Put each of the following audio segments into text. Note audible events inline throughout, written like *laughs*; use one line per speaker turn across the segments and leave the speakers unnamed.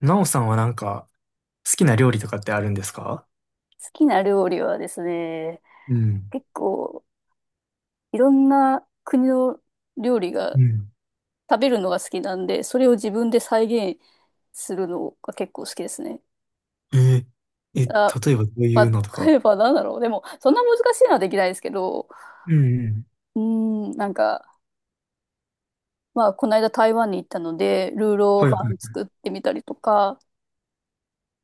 なおさんは好きな料理とかってあるんですか？
好きな料理はですね、
うん、
結構いろんな国の料理が
うん。
食べるのが好きなんで、それを自分で再現するのが結構好きですね。
えー、え、
あ、
例えばどういう
ま
のと
あ、
か？
例えばなんだろう。でも、そんな難しいのはできないですけど、
うん、うん。
うーなんか、まあ、この間台湾に行ったので、ルーロー
はい
フ
は
ァン作ってみたりとか、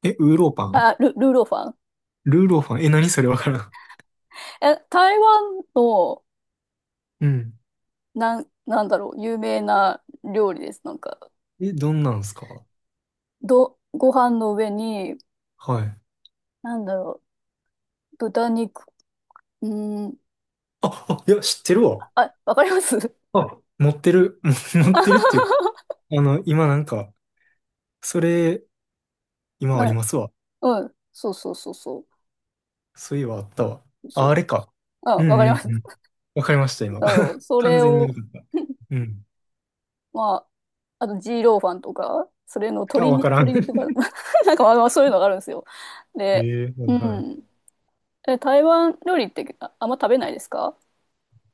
い。え、ウーローパン、
あ、ルーローファン。
ルーローパン、え、何それ、わからん。
え、台湾の、
うん。
なんだろう、有名な料理です。なんか、
え、どんなんすか？
ご飯の上に、
はい。
なんだろう、豚肉。うーん。
あ、あ、いや、知ってるわ。
あ、わかります *laughs*
あ、持ってる。*laughs* 持ってるっていう。
は
あの、今なんか、それ、今あ
い。
りますわ。
うん。そうそうそうそ
そういえばあったわ。
う。そ
あ、
う。
あれか。
う
う
ん、
ん
わかり
う
ま
ん
す。
うん。わかりました、今。
そう
*laughs*
そ
完
れ
全によ
を、
かった。うん。
*laughs* まあ、あと、ジーローファンとか、それの
あ、
鶏に、
わからん。
鶏肉ば、*laughs* なんかまあまあそういうのがあるんですよ。
*laughs* え
で、
え、は
う
いはい。
ん。え、台湾料理ってあんま食べないですか？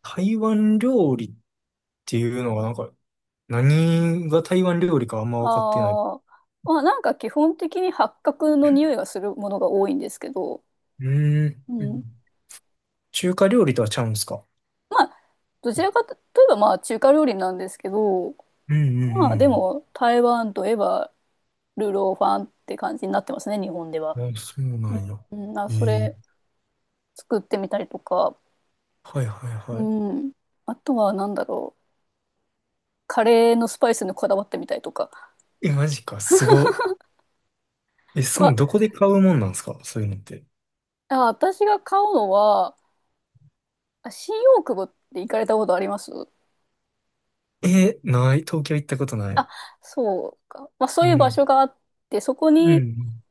台湾料理っていうのがなんか、何が台湾料理かあんま分かってない。
ああ、まあなんか基本的に八角の匂いがするものが多いんですけど、
うーん。
う
う
ん。
ん。中華料理とはちゃうんですか？
まあ、どちらかといえばまあ中華料理なんですけど、
うん
まあ
う
で
ん
も台湾といえばルーローファンって感じになってますね、日本では。
うん。あ、そうなんや。
うん、うん、あ、
え
そ
え。
れ作ってみたりとか、
はいはい
う
はい。
ん。あとは何だろう。カレーのスパイスにこだわってみたりとか。
え、マジか、すご。え、その、
は、
どこで買うもんなんですか、そういうのって。
あ、私が買うのは、あ、新大久保って行かれたことあります？
え、ない。東京行ったことない。
あ、そうか。まあそ
う
ういう場
ん。
所があって、そこ
うんう
に、
ん。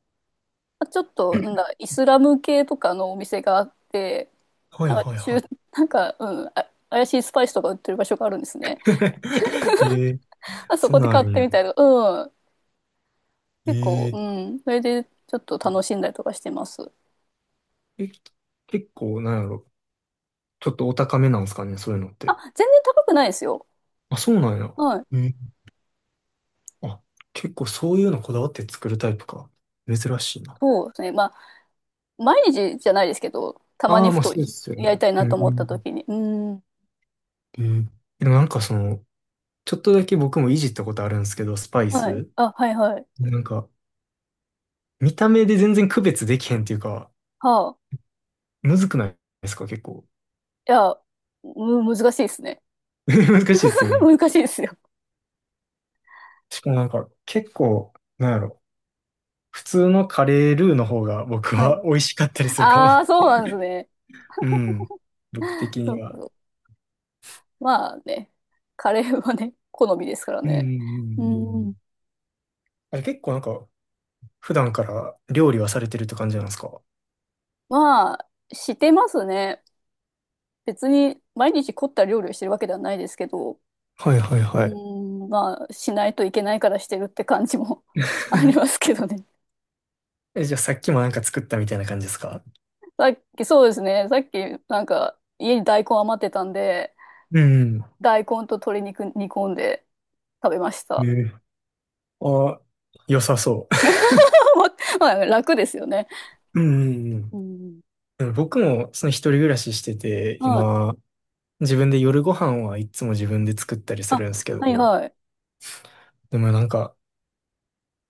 まあちょっと、なんだ、イスラム系とかのお店があって、
はい
なんか
はいは
中、
い。
なんか、うん、あ、怪しいスパイスとか売ってる場所があるんですね。
*laughs* ええ、
あそ
そ
こ
んな
で
んあ
買っ
るん
て
や。
みたりとか、うん。
え
結構、う
え。
ん。それでちょっと楽しんだりとかしてます。
え、結構、なんやろ、ちょっとお高めなんですかね、そういうのっ
あ、
て。
全然高くないですよ。
あ、そうなんや。
はい。
うん。あ、結構そういうのこだわって作るタイプか。珍しいな。
そうですね。まあ、毎日じゃないですけど、たま
あ
に
あ、
ふ
まあ
と
そうですよ
やり
ね。
たい
う
なと思った
ん。
時に。うん。
うん。でもなんかその、ちょっとだけ僕もいじったことあるんですけど、スパイ
はい。
ス。
あ、はいはい。
なんか、見た目で全然区別できへんっていうか、
はあ。
むずくないですか、結構。
いや、難しいですね。
*laughs* 難しいですよ
*laughs*
ね。
難しいですよ。
しかもなんか、結構、なんやろ、普通のカレールーの方が僕
はい。
は *laughs* 美味しかったりするかも。
ああ、そうなんですね。
うん。僕的
そ
に
うそ
は。
うまあね、カレーはね、好みですから
うんうんうんう
ね。
んう
う
ん。
ん。
あれ結構なんか、普段から料理はされてるって感じなんですか？ *laughs*
まあ、してますね。別に毎日凝った料理をしてるわけではないですけど、う
はいはいはい。
ーん。まあ、しないといけないからしてるって感じも *laughs* あり
*laughs*
ますけどね。
え、じゃあさっきもなんか作ったみたいな感じですか？
さっき、そうですね。さっき、なんか、家に大根余ってたんで、
うん。
大根と鶏肉煮込んで食べました。
え、あ、良さそ
*laughs* まあ、楽ですよね。
う。*laughs* うんうんう
う
ん。
ん。
でも僕もその一人暮らししてて、
はい。
今、自分で夜ご飯はいつも自分で作ったりするん
あ、
ですけど、
はいはい。
でもなんか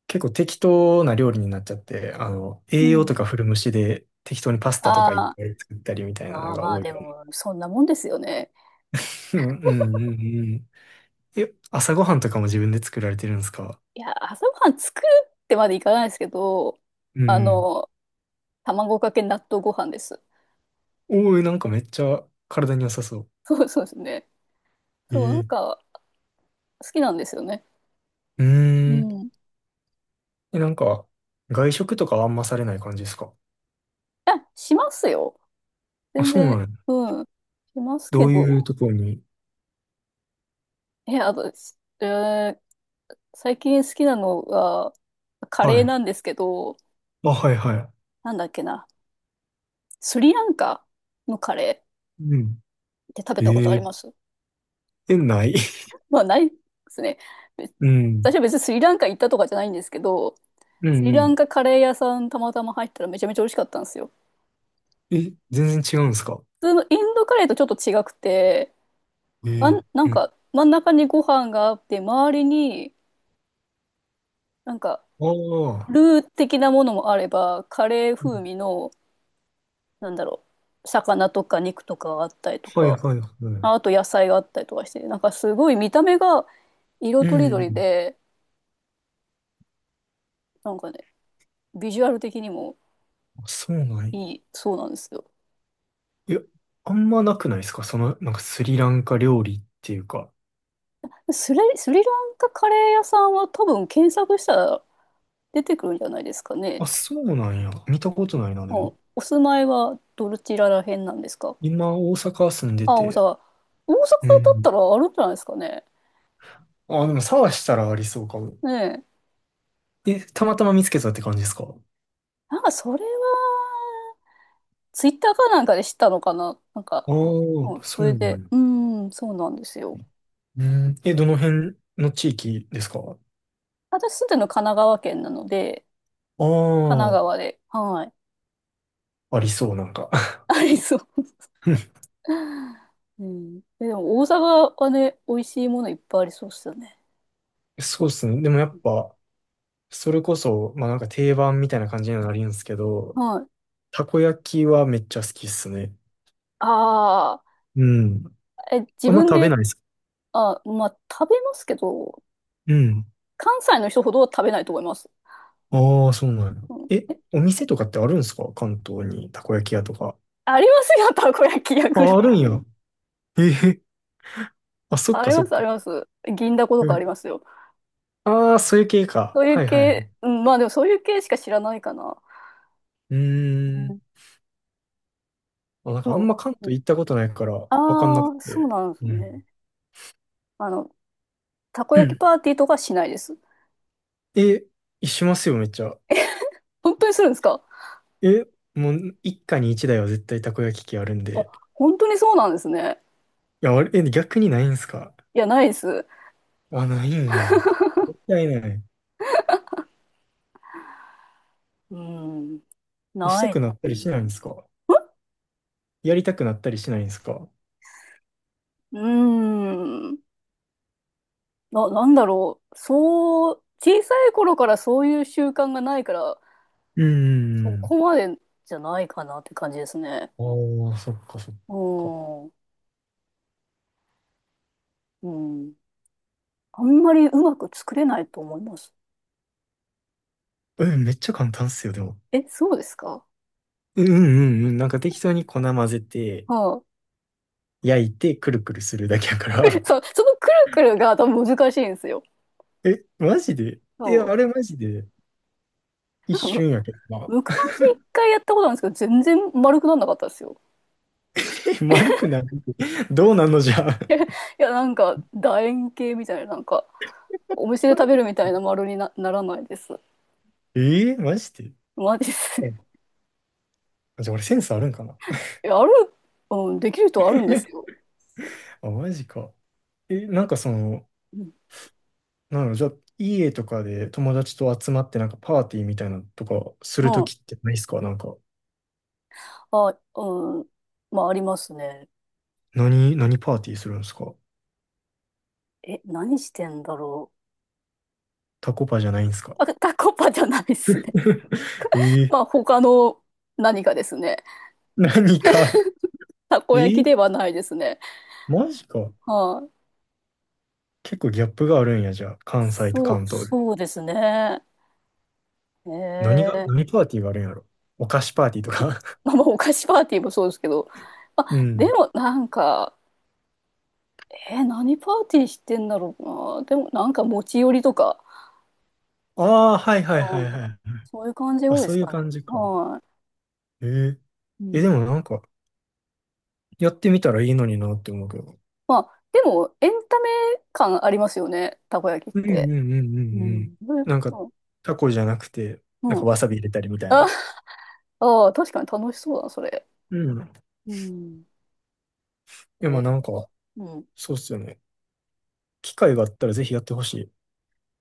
結構適当な料理になっちゃって、あの、
う
栄
ん。
養と
ん、
か古虫で適当にパスタとかいっ
ああ、
ぱい作ったりみたいな
ま
の
あ
が
まあ、
多い
で
から。*laughs*
も、そんなもんですよね。
うんうんうんうん。え、朝ごはんとかも自分で作られてるんですか？
いや、朝ごはん作るってまでいかないですけど、
う
あ
ん。
の、卵かけ納豆ご飯です。
おー、なんかめっちゃ体に良さそ
そうですね。
う。え
そう、なん
ー、
か、好きなんですよね。
う
う
ーん。
ん。
え、なんか、外食とかはあんまされない感じですか？
あ、しますよ。
あ、
全
そうな
然、
んや。
うん。します
ど
け
ういう
ど。
ところに？
え、あと、しえー、最近好きなのが、カ
は
レー
い。
なんですけど、
あ、はいは
なんだっけな。スリランカのカレー
い。うん。
って食べたことあ
え
り
え。
ます？
え、ない。 *laughs*
まあ、ないですね。べ、
うん。
私は別にスリランカ行ったとかじゃないんですけど、
う
ス
ん
リ
う
ラン
ん。
カカレー屋さんたまたま入ったらめちゃめちゃ美味しかったんですよ。
え、全然違うんですか？
普通のインドカレーとちょっと違くて、
え
あ
ー。
ん、なん
うん。
か真ん中にご飯があって、周りになんか
ああ。
ルー的なものもあれば、カレー
う
風
ん。
味の、なんだろう、魚とか肉とかがあったりと
はい
か、
はいはい。
ああ、と野菜があったりとかして、なんかすごい見た目が色
う
とりどり
ん。
で、なんかね、ビジュアル的にも
あ、そうなんや。
いいそうなんですよ。
いや、あんまなくないですか、その、なんかスリランカ料理っていうか。
スリランカカレー屋さんは多分検索したら出てくるんじゃないですかね。
あ、そうなんや。見たことないな、で
も
も。
うお住まいはどちら辺なんですか？
今、大阪住んで
あ、大
て。
阪。大
う
阪だっ
ん。
たらあるんじゃないですかね。
あ、でも探したらありそうかも。
ねえ。
え、たまたま見つけたって感じですか？あ
なんかそれは、ツイッターかなんかで知ったのかな。なんか、
あ
う
ー、
ん、そ
そう
れ
な
で、
んや。
うん、そうなんですよ。
うん。え、どの辺の地域ですか？
私住んでるの神奈川県なので、神奈
あ
川で、はい。
あ、ありそう、なんか。
ありそう。
*laughs*
*laughs* うん。え、でも大阪はね、美味しいものいっぱいありそうっすよね。
そうっすね。でもやっぱ、それこそ、まあなんか定番みたいな感じにはなるんですけど、
はい。
たこ焼きはめっちゃ好きっすね。
あ
うん。
あ、え、自
あんま
分
食べ
で、
ないっす。
あ、まあ、食べますけど、
うん。
関西の人ほどは食べないと思います。
ああ、そうなんや。
う
え、
ん、
お店とかってあるんですか、関東に、たこ焼き屋とか。
ありますよ、たこ焼き屋ぐら
あ、ある
い。
んや。ええ、あ、そっ
あ
か
り
そ
ま
っ
す、あ
か。
ります。銀だことかありますよ。
ああー、そういう系か。
そういう
はいはい。
系、うん、まあでもそういう系しか知らないかな。
うー
うん、
ん。あ、なん
で
かあん
も、
ま関東行ったことないからわかんなく
ああー、そう
て。
なんです
うん。
ね。あの、たこ
う
焼き
ん。
パーティーとかしないです。
え、しますよ、めっちゃ。
本当にするんですか？
え、もう一家に一台は絶対たこ焼き器あるん
あ、
で。
本当にそうなんですね。
いや、あれ、え、逆にないんすか？
いや、ないです。
あ、ないんや。絶対ない。
うん、
した
ない
く
で
なっ
す
たりしないん
ね。
ですか？やりたくなったりしないんですか？
うーん、なんだろう。そう、小さい頃からそういう習慣がないから、
うー
そ
ん。
こまでじゃないかなって感じですね。
ああ、そっかそっか。
おー、うん。あんまりうまく作れないと思います。
え、めっちゃ簡単っすよ、でも。
え、そうですか？
うんうんうん。なんか適当に粉混ぜて、
はい。
焼いて、くるくるするだけやか
*laughs* くる、そう、
ら。
そのくるくるが多分難しいんですよ。
*laughs* え、マジで、いや、
そ
あ
う。
れマジで一
なんか
瞬や
む、
けどな。
昔一回やったことあるんですけど、全然丸くなんなかったですよ。
え、丸くない？ *laughs*。どうなんのじゃあ。
いや、なんか、楕円形みたいな、なんか、お店で食べる
*laughs*
みたいな丸にならないです。
えー、マジで。
マジです。*laughs* い
あ、じゃあ俺センスあるんかな。
や、ある、うん、できる人はあるんですよ。
*laughs* あ、マジか。え、なんかその、
うん。
なんだろう、じゃあ、家とかで友達と集まってなんかパーティーみたいなのとかすると
ま
きってないっすか、なんか。
あ、あ、うん。まあ、ありますね。
何、何パーティーするんですか？
え、何してんだろ
タコパじゃないんですか？
う。あ、タコパじゃないっすね。
*laughs* えー、
まあ、他の何かですね。
何か。
た
*laughs*
こ焼き
え、
ではないですね。
マジか。
はい、
結構ギャップがあるんや、じゃあ。関西と関東で。
そうですね。
何が、
え
何
え、
パーティーがあるんやろ。お菓子パーティーとか？
まあ、まあお菓子パーティーもそうですけど。
*laughs* う
あ、で
ん。
も、なんか、えー、何パーティーしてんだろうな。でも、なんか持ち寄りとか、
ああ、はいはいは
う
いは
ん、
い。
そういう感じが
あ、
多いで
そう
す
いう
かね。
感じか。
は
ええ。
い。う
え、で
ん、
もなんか、やってみたらいいのになって思うけど。
まあ、でも、エンタメ感ありますよね。たこ焼きっ
うんうん
て。
うんうん
う
う
ん。
ん。
それ
なんか、
う
タコじゃなくて、
ん。
なん
う
か
ん、
わさび入れたりみたい
あ
な。
あー、確かに楽しそうだな、それ。
うん。い
うん。
や、
え
まあなんか、
ー、うん。
そうっすよね。機会があったらぜひやってほしい。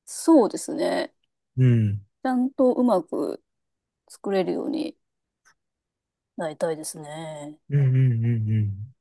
そうですね。
うん。
ちゃんとうまく作れるようになりたいですね。
うんうんうんうん。